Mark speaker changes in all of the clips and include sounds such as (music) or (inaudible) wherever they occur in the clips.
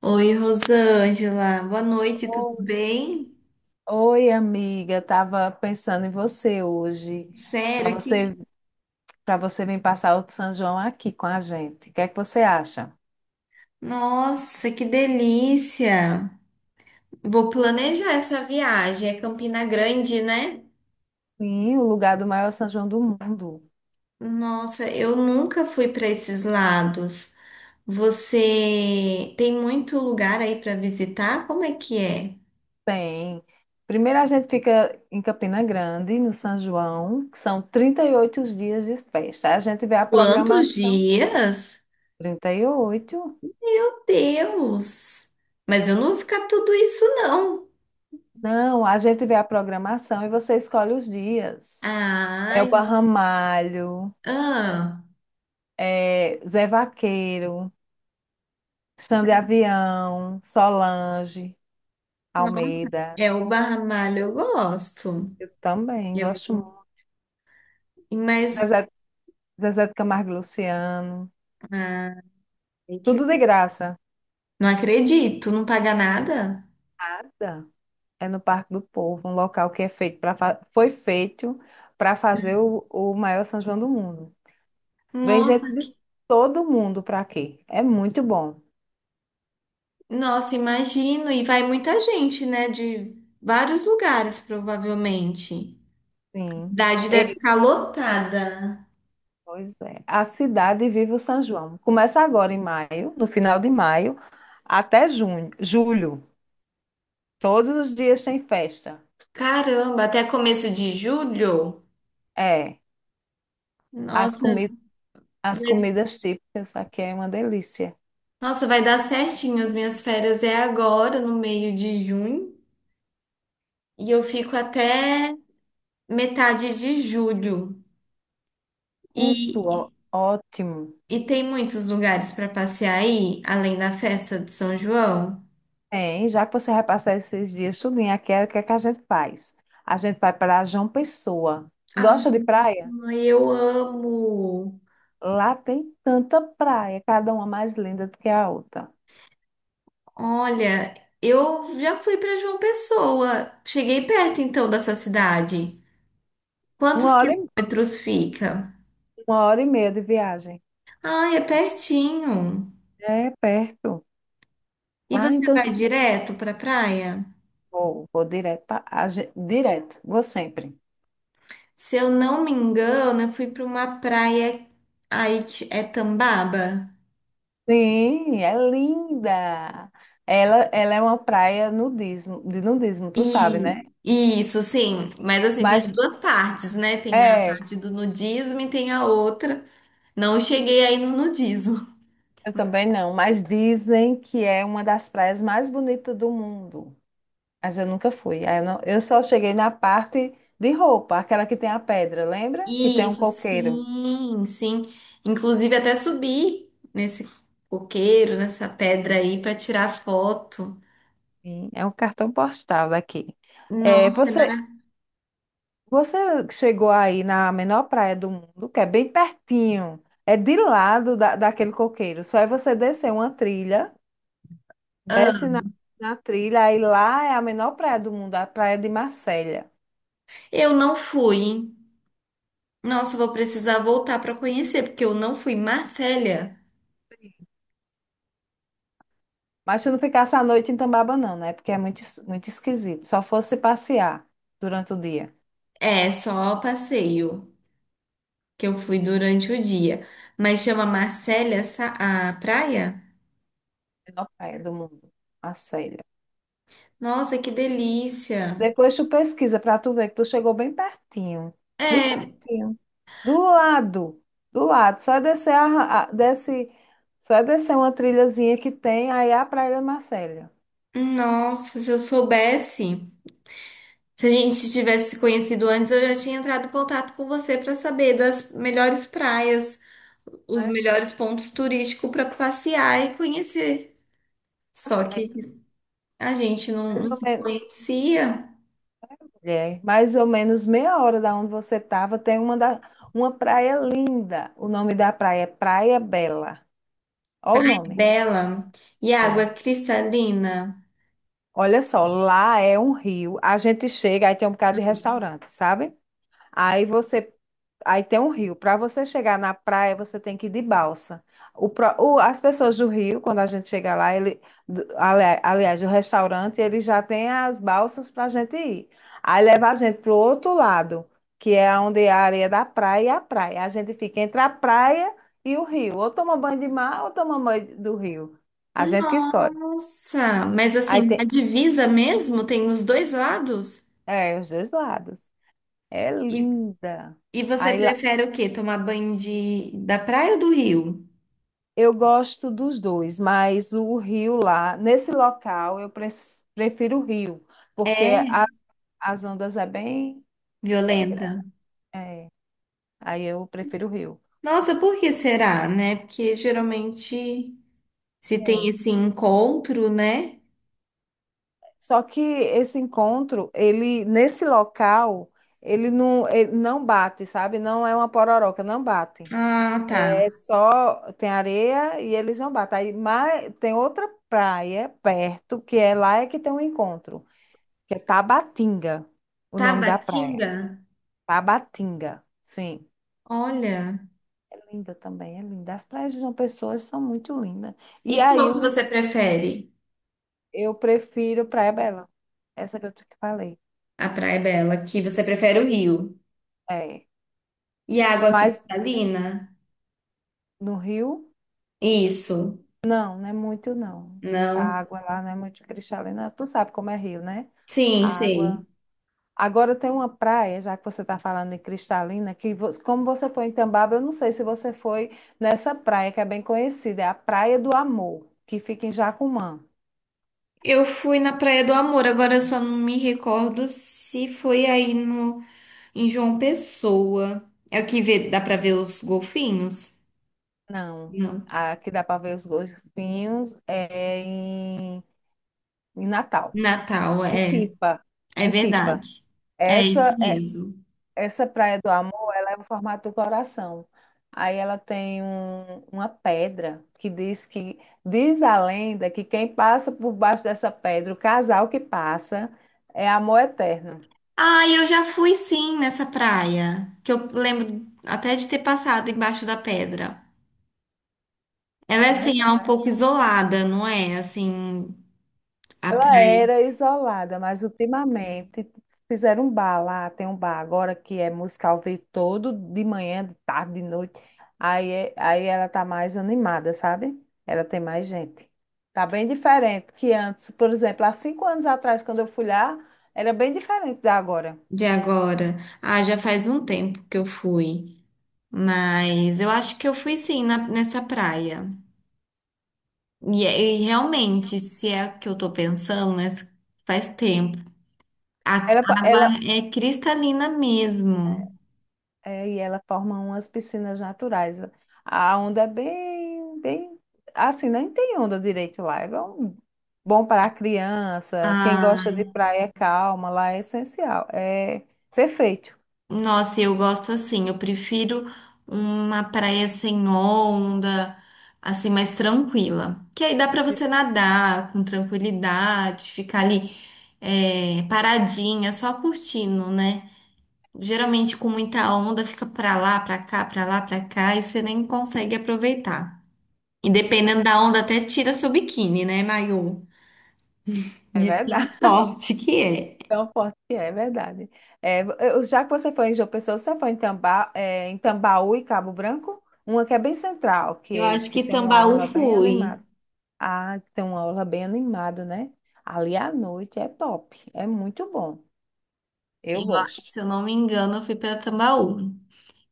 Speaker 1: Oi, Rosângela. Boa noite, tudo
Speaker 2: Oi,
Speaker 1: bem?
Speaker 2: Oi, amiga, tava pensando em você hoje, para
Speaker 1: Sério, que...
Speaker 2: você, para você vir passar o São João aqui com a gente. O que é que você acha?
Speaker 1: Nossa, que delícia! Vou planejar essa viagem. É Campina Grande, né?
Speaker 2: Sim, o lugar do maior São João do mundo.
Speaker 1: Nossa, eu nunca fui para esses lados. Você tem muito lugar aí para visitar? Como é que é?
Speaker 2: Tem. Primeiro a gente fica em Campina Grande, no São João, que são 38 dias de festa. A gente vê a
Speaker 1: Quantos
Speaker 2: programação.
Speaker 1: dias?
Speaker 2: 38?
Speaker 1: Meu Deus! Mas eu não vou ficar tudo isso, não.
Speaker 2: Não, a gente vê a programação e você escolhe os dias. É o
Speaker 1: Ai,
Speaker 2: Barramalho,
Speaker 1: ah,
Speaker 2: é Zé Vaqueiro. Xande Avião, Solange, Almeida.
Speaker 1: é, o Barramalho eu gosto.
Speaker 2: Eu também
Speaker 1: Eu,
Speaker 2: gosto muito.
Speaker 1: mas,
Speaker 2: Zezé, Zezé de Camargo e Luciano.
Speaker 1: ai, que-
Speaker 2: Tudo de graça.
Speaker 1: não acredito, não paga nada?
Speaker 2: Nada. É no Parque do Povo, um local que é feito para foi feito para fazer o maior São João do mundo. Vem
Speaker 1: Nossa,
Speaker 2: gente de todo mundo para aqui. É muito bom.
Speaker 1: nossa, imagino. E vai muita gente, né? De vários lugares, provavelmente. A
Speaker 2: Sim.
Speaker 1: cidade deve
Speaker 2: Ei,
Speaker 1: ficar lotada.
Speaker 2: pois é. A cidade vive o São João. Começa agora em maio, no final de maio, até junho, julho. Todos os dias tem festa.
Speaker 1: Caramba, até começo de julho?
Speaker 2: É, as
Speaker 1: Nossa,
Speaker 2: comidas, as
Speaker 1: vai,
Speaker 2: comidas típicas aqui é uma delícia.
Speaker 1: nossa, vai dar certinho. As minhas férias é agora, no meio de junho. E eu fico até metade de julho.
Speaker 2: Muito
Speaker 1: E
Speaker 2: ótimo.
Speaker 1: E tem muitos lugares para passear aí, além da festa de São João?
Speaker 2: Tem, já que você vai passar esses dias tudinho aqui, é o que é que a gente faz? A gente vai para João Pessoa.
Speaker 1: Ah,
Speaker 2: Gosta de praia?
Speaker 1: eu amo!
Speaker 2: Lá tem tanta praia, cada uma mais linda do que a outra.
Speaker 1: Olha, eu já fui para João Pessoa. Cheguei perto então da sua cidade. Quantos
Speaker 2: Uma hora e,
Speaker 1: quilômetros fica?
Speaker 2: uma hora e meia de viagem.
Speaker 1: Ah, é pertinho.
Speaker 2: É perto.
Speaker 1: E
Speaker 2: Ah,
Speaker 1: você
Speaker 2: então
Speaker 1: vai direto para praia?
Speaker 2: vou direto, direto, vou sempre.
Speaker 1: Se eu não me engano, eu fui para uma praia aí que é Tambaba.
Speaker 2: Sim, é linda. Ela é uma praia de nudismo, tu sabe, né?
Speaker 1: E isso, sim. Mas assim, tem as
Speaker 2: Mas
Speaker 1: duas partes, né? Tem a
Speaker 2: é,
Speaker 1: parte do nudismo e tem a outra. Não cheguei aí no nudismo.
Speaker 2: eu também não, mas dizem que é uma das praias mais bonitas do mundo. Mas eu nunca fui. Aí Eu, não- eu só cheguei na parte de roupa, aquela que tem a pedra, lembra? Que tem um
Speaker 1: Isso,
Speaker 2: coqueiro.
Speaker 1: sim, sim. Inclusive até subi nesse coqueiro, nessa pedra aí para tirar foto.
Speaker 2: Sim, é um cartão postal daqui. É,
Speaker 1: Nossa, é
Speaker 2: você
Speaker 1: maravilhoso.
Speaker 2: Você chegou aí na menor praia do mundo, que é bem pertinho, é de lado daquele coqueiro. Só é você descer uma trilha, desce na trilha, aí lá é a menor praia do mundo, a praia de Marselha.
Speaker 1: Eu não fui, hein? Nossa, eu vou precisar voltar para conhecer, porque eu não fui. Marcélia,
Speaker 2: Mas se não ficasse a noite em Tambaba, não, né? Porque é muito esquisito. Só fosse passear durante o dia.
Speaker 1: é só passeio. Que eu fui durante o dia. Mas chama Marcélia Sa-, a praia?
Speaker 2: Menor praia do mundo, Marselha.
Speaker 1: Nossa, que delícia!
Speaker 2: Depois tu pesquisa pra tu ver que tu chegou bem pertinho. Bem pertinho.
Speaker 1: É,
Speaker 2: Do lado, do lado. Só é descer, a- desce, só é descer uma trilhazinha que tem, aí é a Praia da Marcélia.
Speaker 1: nossa, se eu soubesse. Se a gente tivesse se conhecido antes, eu já tinha entrado em contato com você para saber das melhores praias, os melhores pontos turísticos para passear e conhecer. Só
Speaker 2: É
Speaker 1: que a gente
Speaker 2: mais
Speaker 1: não
Speaker 2: ou
Speaker 1: se
Speaker 2: menos,
Speaker 1: conhecia.
Speaker 2: é mais ou menos meia hora da onde você estava, tem uma praia linda. O nome da praia é Praia Bela. Olha o nome.
Speaker 1: Bela. E água
Speaker 2: Sim.
Speaker 1: cristalina.
Speaker 2: Olha só, lá é um rio. A gente chega, aí tem um bocado de restaurante, sabe? Aí você Aí tem um rio. Para você chegar na praia, você tem que ir de balsa. As pessoas do Rio, quando a gente chega lá, aliás, o restaurante, ele já tem as balsas para a gente ir. Aí leva a gente para o outro lado, que é onde é a areia da praia e a praia. A gente fica entre a praia e o rio. Ou toma banho de mar ou toma banho do rio. A gente que escolhe.
Speaker 1: Nossa, mas
Speaker 2: Aí
Speaker 1: assim, a
Speaker 2: tem,
Speaker 1: divisa mesmo tem nos dois lados?
Speaker 2: é, os dois lados. É
Speaker 1: E,
Speaker 2: linda.
Speaker 1: e você
Speaker 2: Aí
Speaker 1: prefere o quê? Tomar banho de, da praia ou do rio?
Speaker 2: eu gosto dos dois, mas o Rio lá, nesse local, eu prefiro o Rio, porque
Speaker 1: É
Speaker 2: as ondas é bem, bem grande.
Speaker 1: violenta?
Speaker 2: É, aí eu prefiro o Rio.
Speaker 1: Nossa, por que será, né? Porque geralmente se tem
Speaker 2: É.
Speaker 1: esse encontro, né?
Speaker 2: Só que esse encontro, ele nesse local, ele não bate, sabe? Não é uma pororoca, não bate.
Speaker 1: Ah, tá.
Speaker 2: É só tem areia e eles não batem. Aí, mas tem outra praia perto que é lá é que tem um encontro, que é Tabatinga, o nome da praia.
Speaker 1: Tabatinga?
Speaker 2: Tabatinga, sim.
Speaker 1: Olha.
Speaker 2: É linda também, é linda. As praias de João Pessoa são muito lindas. E
Speaker 1: E
Speaker 2: aí
Speaker 1: qual que
Speaker 2: o
Speaker 1: você prefere?
Speaker 2: eu prefiro Praia Bela, essa que eu te falei.
Speaker 1: A Praia Bela, que você prefere o rio.
Speaker 2: É.
Speaker 1: E a água
Speaker 2: Mas
Speaker 1: cristalina?
Speaker 2: no Rio,
Speaker 1: Isso.
Speaker 2: não, não é muito, não. A
Speaker 1: Não.
Speaker 2: água lá não é muito cristalina. Tu sabe como é Rio, né?
Speaker 1: Sim,
Speaker 2: A água.
Speaker 1: sei.
Speaker 2: Agora tem uma praia, já que você está falando em cristalina, como você foi em Tambaba, eu não sei se você foi nessa praia que é bem conhecida, é a Praia do Amor, que fica em Jacumã.
Speaker 1: Eu fui na Praia do Amor, agora eu só não me recordo se foi aí no. Em João Pessoa. É o que vê, dá pra ver os golfinhos?
Speaker 2: Não.
Speaker 1: Não.
Speaker 2: A que dá para ver os golfinhos é em, Natal,
Speaker 1: Natal,
Speaker 2: em
Speaker 1: é.
Speaker 2: Pipa,
Speaker 1: É
Speaker 2: em Pipa.
Speaker 1: verdade. É
Speaker 2: Essa
Speaker 1: isso
Speaker 2: é-
Speaker 1: mesmo.
Speaker 2: essa Praia do Amor, ela é o formato do coração. Aí ela tem uma pedra que diz a lenda que quem passa por baixo dessa pedra, o casal que passa, é amor eterno.
Speaker 1: Ah, eu já fui sim nessa praia. Que eu lembro até de ter passado embaixo da pedra. Ela é
Speaker 2: Tá.
Speaker 1: assim,
Speaker 2: Nessa
Speaker 1: ela é um
Speaker 2: praia.
Speaker 1: pouco isolada, não é? Assim, a
Speaker 2: Ela
Speaker 1: praia
Speaker 2: era isolada, mas ultimamente fizeram um bar lá, tem um bar agora que é música ao vivo todo, de manhã, de tarde, de noite. Aí ela tá mais animada, sabe? Ela tem mais gente. Tá bem diferente que antes. Por exemplo, há 5 anos atrás, quando eu fui lá, era bem diferente da agora.
Speaker 1: de agora. Ah, já faz um tempo que eu fui. Mas eu acho que eu fui sim na- nessa praia. E, é- e realmente, se é o que eu tô pensando, né? Faz tempo. A água
Speaker 2: Ela,
Speaker 1: é cristalina mesmo.
Speaker 2: É, e ela forma umas piscinas naturais. A onda é bem, bem, assim, nem tem onda direito lá. É bom, bom para a criança, quem gosta de
Speaker 1: Ah,
Speaker 2: praia calma, lá é essencial. É perfeito.
Speaker 1: nossa, eu gosto assim. Eu prefiro uma praia sem onda, assim, mais tranquila. Que aí dá pra você nadar com tranquilidade, ficar ali paradinha, só curtindo, né? Geralmente com muita onda, fica pra lá, pra cá, pra lá, pra cá, e você nem consegue aproveitar. E dependendo da onda, até tira seu biquíni, né, maiô?
Speaker 2: É
Speaker 1: De tão
Speaker 2: verdade. (laughs)
Speaker 1: forte que é.
Speaker 2: Então, forte que é, é verdade. É, já que você foi em João Pessoa, você foi em Tambaú e Cabo Branco? Uma que é bem central,
Speaker 1: Eu
Speaker 2: que,
Speaker 1: acho
Speaker 2: que
Speaker 1: que
Speaker 2: tem uma
Speaker 1: Tambaú
Speaker 2: orla bem
Speaker 1: fui.
Speaker 2: animada. Ah, tem uma aula bem animada, né? Ali à noite é top, é muito bom. Eu
Speaker 1: Eu-
Speaker 2: gosto.
Speaker 1: Se eu não me engano, eu fui para Tambaú.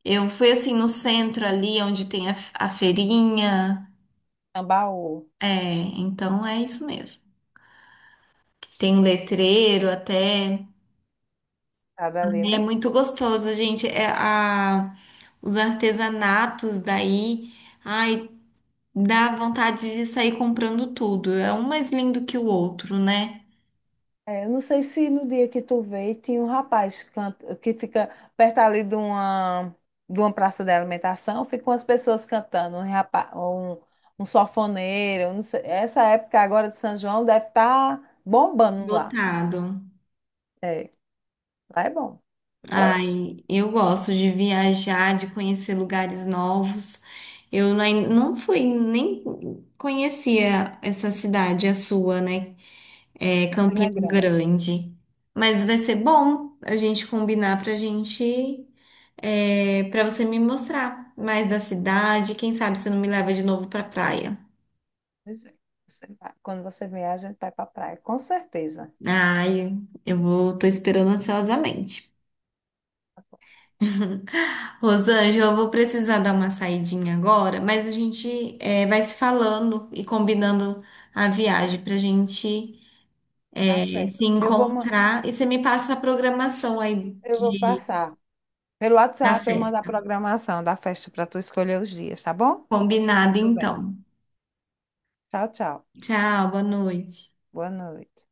Speaker 1: Eu fui assim no centro ali, onde tem a, f- a feirinha.
Speaker 2: Tambaú,
Speaker 1: É, então é isso mesmo. Tem um letreiro até.
Speaker 2: sabe ali,
Speaker 1: É
Speaker 2: né?
Speaker 1: muito gostoso, gente. É a, os artesanatos daí. Ai, dá vontade de sair comprando tudo. É um mais lindo que o outro, né?
Speaker 2: É, eu não sei se no dia que tu veio tinha um rapaz que fica perto ali de uma praça de alimentação, ficam as pessoas cantando, um sanfoneiro, eu não sei, essa época agora de São João deve estar bombando lá.
Speaker 1: Lotado.
Speaker 2: É, lá é bom, eu gosto.
Speaker 1: Ai, eu gosto de viajar, de conhecer lugares novos. Eu nem- não fui, nem conhecia essa cidade, a sua, né? É
Speaker 2: Campina
Speaker 1: Campina
Speaker 2: Grande.
Speaker 1: Grande. Mas vai ser bom a gente combinar pra gente, para você me mostrar mais da cidade. Quem sabe você não me leva de novo pra praia.
Speaker 2: Pois é, você vai. Quando você vier, a gente vai para praia, com certeza.
Speaker 1: Ai, eu vou, tô esperando ansiosamente. Rosângela, eu vou precisar dar uma saidinha agora, mas a gente vai se falando e combinando a viagem para a gente
Speaker 2: Tá
Speaker 1: se
Speaker 2: certo. Eu vou, ma-
Speaker 1: encontrar. E você me passa a programação aí
Speaker 2: eu vou
Speaker 1: de,
Speaker 2: passar pelo
Speaker 1: da
Speaker 2: WhatsApp, eu mando a
Speaker 1: festa.
Speaker 2: programação da festa para tu escolher os dias, tá bom? E
Speaker 1: Combinado,
Speaker 2: tu vem.
Speaker 1: então.
Speaker 2: Tchau, tchau.
Speaker 1: Tchau, boa noite.
Speaker 2: Boa noite.